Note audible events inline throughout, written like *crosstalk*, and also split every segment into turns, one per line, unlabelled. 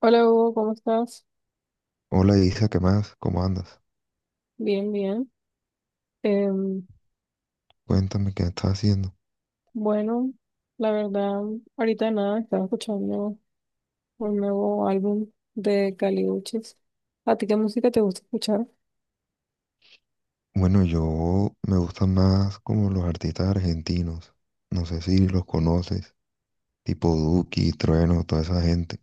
Hola Hugo, ¿cómo estás?
Hola Isa, ¿qué más? ¿Cómo andas?
Bien, bien. Em,
Cuéntame qué estás haciendo.
bueno, la verdad, ahorita nada, estaba escuchando un nuevo álbum de Caliuchis. ¿A ti qué música te gusta escuchar?
Bueno, yo me gustan más como los artistas argentinos. No sé si los conoces, tipo Duki, Trueno, toda esa gente.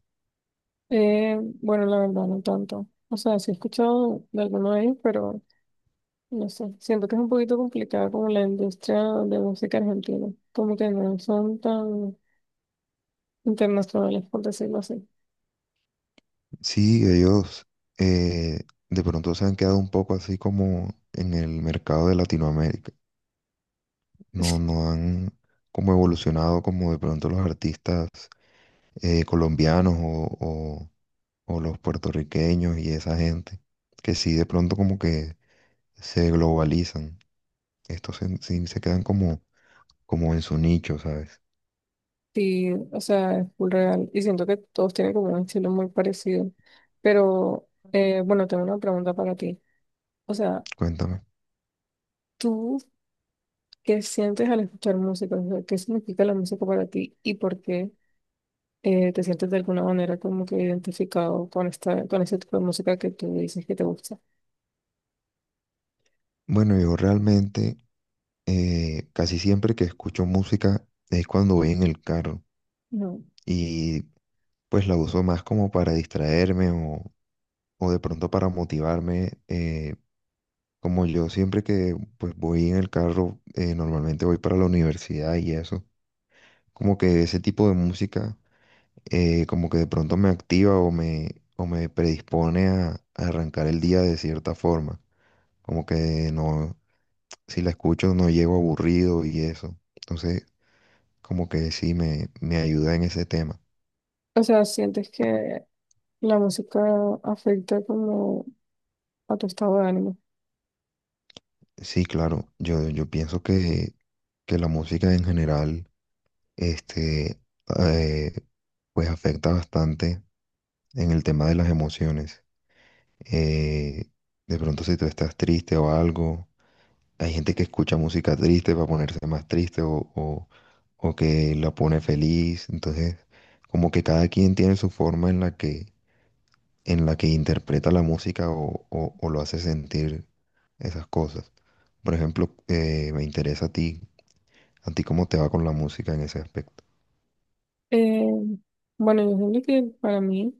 Eh, bueno, la verdad, no tanto. O sea, sí he escuchado de alguno de ellos, pero no sé. Siento que es un poquito complicado como la industria de música argentina. Como que no son tan internacionales, por decirlo así.
Sí, ellos de pronto se han quedado un poco así como en el mercado de Latinoamérica. No,
*laughs*
no han como evolucionado como de pronto los artistas colombianos o o los puertorriqueños y esa gente. Que sí, de pronto como que se globalizan. Estos sí se quedan como, como en su nicho, ¿sabes?
Sí, o sea, es full real. Y siento que todos tienen como un estilo muy parecido. Pero, bueno, tengo una pregunta para ti. O sea,
Cuéntame.
¿tú qué sientes al escuchar música? O sea, ¿qué significa la música para ti y por qué te sientes de alguna manera como que identificado con esta, con ese tipo de música que tú dices que te gusta?
Bueno, yo realmente casi siempre que escucho música es cuando voy en el carro
No.
y pues la uso más como para distraerme, o de pronto para motivarme. Como yo siempre que pues voy en el carro, normalmente voy para la universidad y eso, como que ese tipo de música como que de pronto me activa o me predispone a arrancar el día de cierta forma. Como que no, si la escucho no llego aburrido y eso. Entonces, como que me ayuda en ese tema.
O sea, ¿sientes que la música afecta como a tu estado de ánimo?
Sí, claro, yo pienso que la música en general, este, eh, pues afecta bastante en el tema de las emociones. Eh, de pronto si tú estás triste o algo. Hay gente que escucha música triste para ponerse más triste o que la pone feliz. Entonces, como que cada quien tiene su forma en la en la que interpreta la música o lo hace sentir esas cosas. Por ejemplo, me interesa a ti cómo te va con la música en ese aspecto.
Eh, bueno, yo siento que para mí...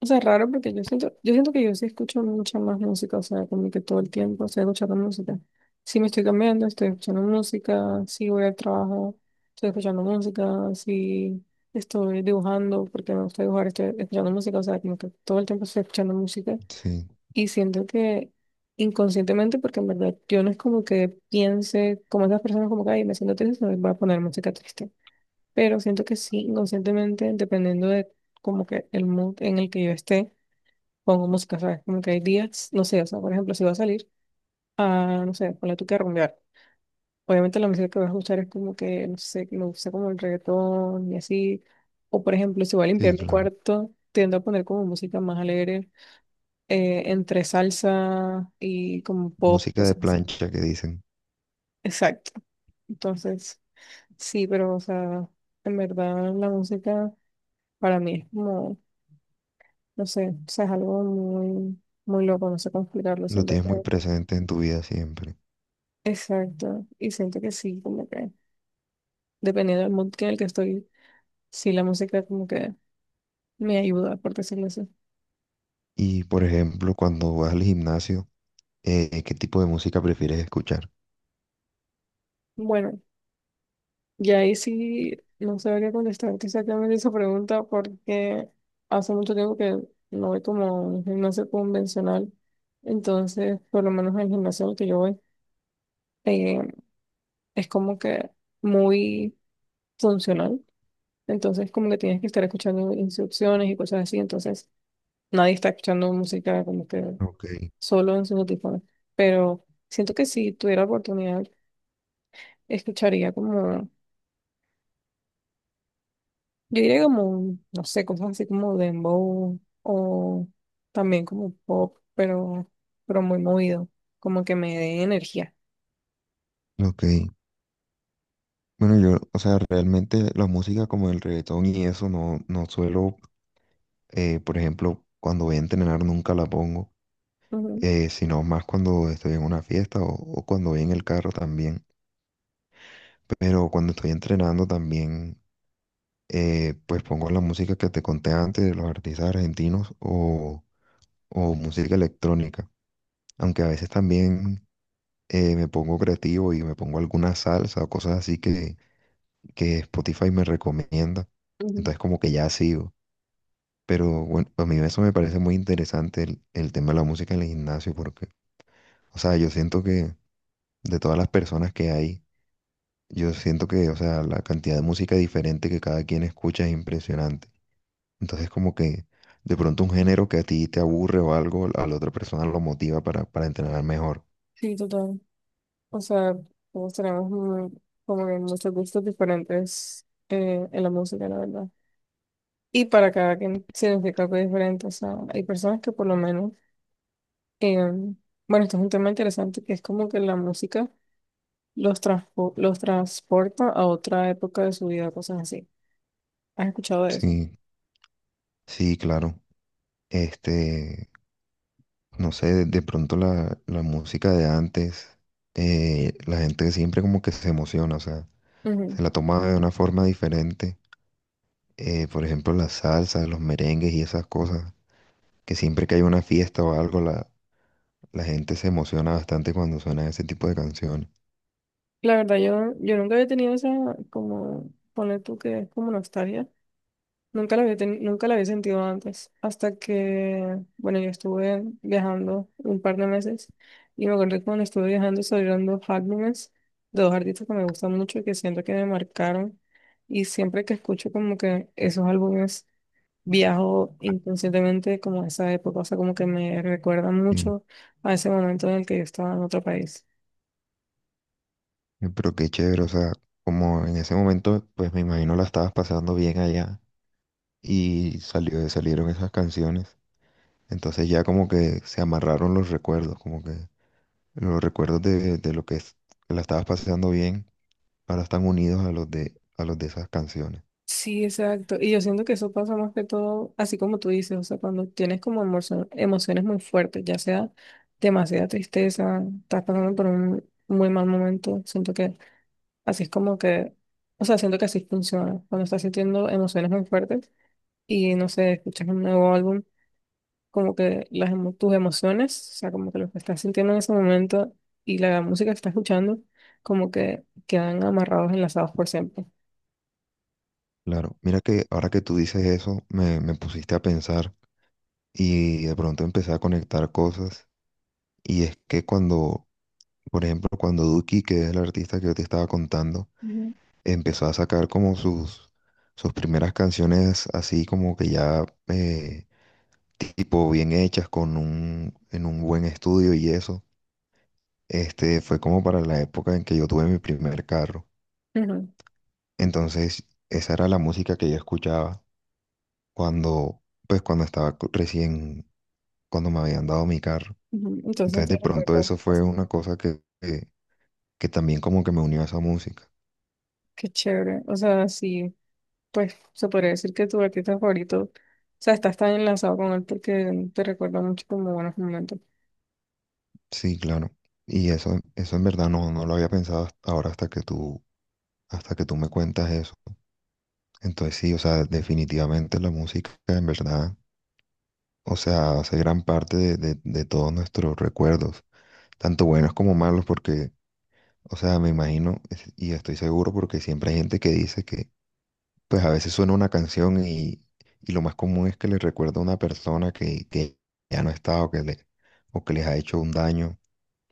O sea, es raro porque yo siento que yo sí escucho mucha más música, o sea, como que todo el tiempo estoy escuchando música. Si me estoy cambiando, estoy escuchando música, si voy al trabajo, estoy escuchando música, si estoy dibujando, porque me gusta dibujar, estoy escuchando música, o sea, como que todo el tiempo estoy escuchando música.
Sí,
Y siento que inconscientemente, porque en verdad yo no es como que piense como esas personas como que, ay, me siento triste, voy a poner música triste. Pero siento que sí, inconscientemente, dependiendo de como que el mood en el que yo esté pongo música, ¿sabes? Como que hay días, no sé, o sea, por ejemplo, si voy a salir a, no sé, ponle tú que a rumbear. Obviamente la música que voy a escuchar es como que, no sé, que me gusta como el reggaetón y así. O por ejemplo, si voy a
sí,
limpiar mi
claro.
cuarto, tiendo a poner como música más alegre, entre salsa y como pop,
Música de
cosas así.
plancha que dicen,
Exacto. Entonces, sí, pero, o sea, en verdad la música para mí es como, no sé, o sea, es algo muy, muy loco, no sé cómo explicarlo,
lo
siento.
tienes muy presente en tu vida siempre.
Exacto. Y siento que sí, como que dependiendo del mood que en el que estoy, sí, la música como que me ayuda, por decirlo así.
Y por ejemplo, cuando vas al gimnasio, ¿qué tipo de música prefieres escuchar?
Bueno, y ahí sí no sabría contestarte exactamente esa pregunta porque hace mucho tiempo que no voy como a un gimnasio convencional. Entonces, por lo menos en el gimnasio al que yo voy, eh, es como que muy funcional. Entonces, como que tienes que estar escuchando instrucciones y cosas así. Entonces, nadie está escuchando música como que
Ok.
solo en sus audífonos. Pero siento que si tuviera la oportunidad, escucharía como, yo diría como, no sé, cosas así como dembow o también como pop, pero muy movido, como que me dé energía.
Ok, bueno, yo, o sea, realmente la música como el reggaetón y eso no suelo, por ejemplo, cuando voy a entrenar nunca la pongo,
Ujú,
sino más cuando estoy en una fiesta o cuando voy en el carro también. Pero cuando estoy entrenando también, pues pongo la música que te conté antes, de los artistas argentinos o música electrónica, aunque a veces también me pongo creativo y me pongo alguna salsa o cosas así que Spotify me recomienda.
ujú.
Entonces como que ya sigo. Pero bueno, a mí eso me parece muy interesante el tema de la música en el gimnasio porque, o sea, yo siento que de todas las personas que hay, yo siento que, o sea, la cantidad de música diferente que cada quien escucha es impresionante. Entonces como que de pronto un género que a ti te aburre o algo, a la otra persona lo motiva para entrenar mejor.
Sí, total. O sea, todos tenemos muy- como que muchos gustos diferentes en la música, la verdad. Y para cada quien significa algo diferente. O sea, hay personas que por lo menos... Em, bueno, esto es un tema interesante que es como que la música los, transpo- los transporta a otra época de su vida, cosas así. ¿Has escuchado de eso?
Sí, sí, claro. Este, no sé, de pronto la música de antes, la gente siempre como que se emociona, o sea,
Ujú.
se la toma de una forma diferente. Por ejemplo, las salsas, los merengues y esas cosas, que siempre que hay una fiesta o algo, la gente se emociona bastante cuando suena ese tipo de canciones.
La verdad, yo nunca había tenido esa, como, poner tú que es como nostalgia. Nunca la había, teni- nunca la había sentido antes. Hasta que, bueno, yo estuve viajando un par de meses y me acuerdo que cuando estuve viajando salieron dos álbumes de dos artistas que me gustan mucho y que siento que me marcaron. Y siempre que escucho como que esos álbumes viajo inconscientemente como a esa época, o sea, como que me recuerda
Sí.
mucho a ese momento en el que yo estaba en otro país.
Pero qué chévere, o sea, como en ese momento, pues me imagino la estabas pasando bien allá y salieron esas canciones. Entonces ya como que se amarraron los recuerdos, como que los recuerdos de lo que, que la estabas pasando bien ahora están unidos a los a los de esas canciones.
Sí, exacto. Y yo siento que eso pasa más que todo, así como tú dices, o sea, cuando tienes como emocio- emociones muy fuertes, ya sea demasiada tristeza, estás pasando por un muy mal momento, siento que así es como que, o sea, siento que así funciona, cuando estás sintiendo emociones muy fuertes y, no sé, escuchas un nuevo álbum. Como que las, emo- tus emociones, o sea, como que lo que estás sintiendo en ese momento y la música que estás escuchando, como que quedan amarrados, enlazados por siempre.
Claro, mira que ahora que tú dices eso, me pusiste a pensar y de pronto empecé a conectar cosas. Y es que cuando, por ejemplo, cuando Duki, que es el artista que yo te estaba contando,
Ujú,
empezó a sacar como sus primeras canciones así como que ya tipo bien hechas, en un buen estudio y eso. Fue como para la época en que yo tuve mi primer carro.
ujú,
Entonces, esa era la música que yo escuchaba cuando, pues, cuando estaba recién, cuando me habían dado mi carro.
ujú. Entonces
Entonces,
te
de pronto
recuerda,
eso
pues,
fue una cosa que también como que me unió a esa música.
qué chévere. O sea, sí, pues se podría decir que tu artista favorito, o sea, estás tan enlazado con él porque te recuerda mucho como buenos momentos.
Sí, claro. Y eso en verdad no, no lo había pensado hasta ahora, hasta que hasta que tú me cuentas eso. Entonces, sí, o sea, definitivamente la música en verdad, o sea, hace gran parte de todos nuestros recuerdos, tanto buenos como malos, porque, o sea, me imagino y estoy seguro porque siempre hay gente que dice que, pues a veces suena una canción y lo más común es que le recuerda a una persona que ya no está o o que les ha hecho un daño.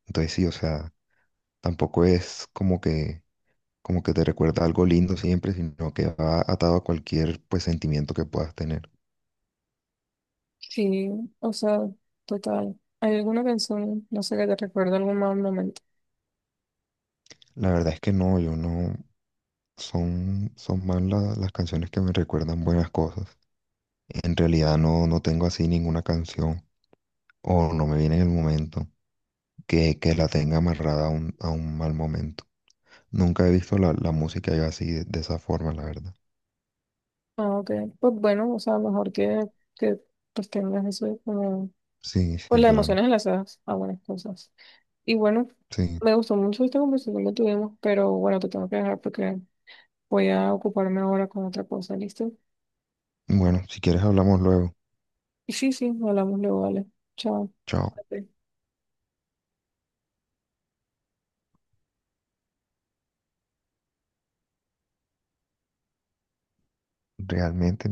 Entonces sí, o sea, tampoco es como que te recuerda algo lindo siempre, sino que va atado a cualquier, pues, sentimiento que puedas tener.
Sí, o sea, total. ¿Hay alguna canción, no sé, que te recuerda algún mal momento?
La verdad es que no, yo no, son más las canciones que me recuerdan buenas cosas. En realidad no, no tengo así ninguna canción o no me viene en el momento que la tenga amarrada a un mal momento. Nunca he visto la música yo así de esa forma, la verdad.
Ah, ok. Pues bueno, o sea, mejor que pues tengas eso como,
Sí, sí,
pues las
claro.
emociones enlazadas a buenas cosas. Y bueno,
Sí.
me gustó mucho esta conversación que tuvimos, pero bueno, te tengo que dejar porque voy a ocuparme ahora con otra cosa, ¿listo?
Bueno, si quieres hablamos luego.
Y sí, sí, hablamos luego, vale. Chao.
Chao.
Ok.
Realmente.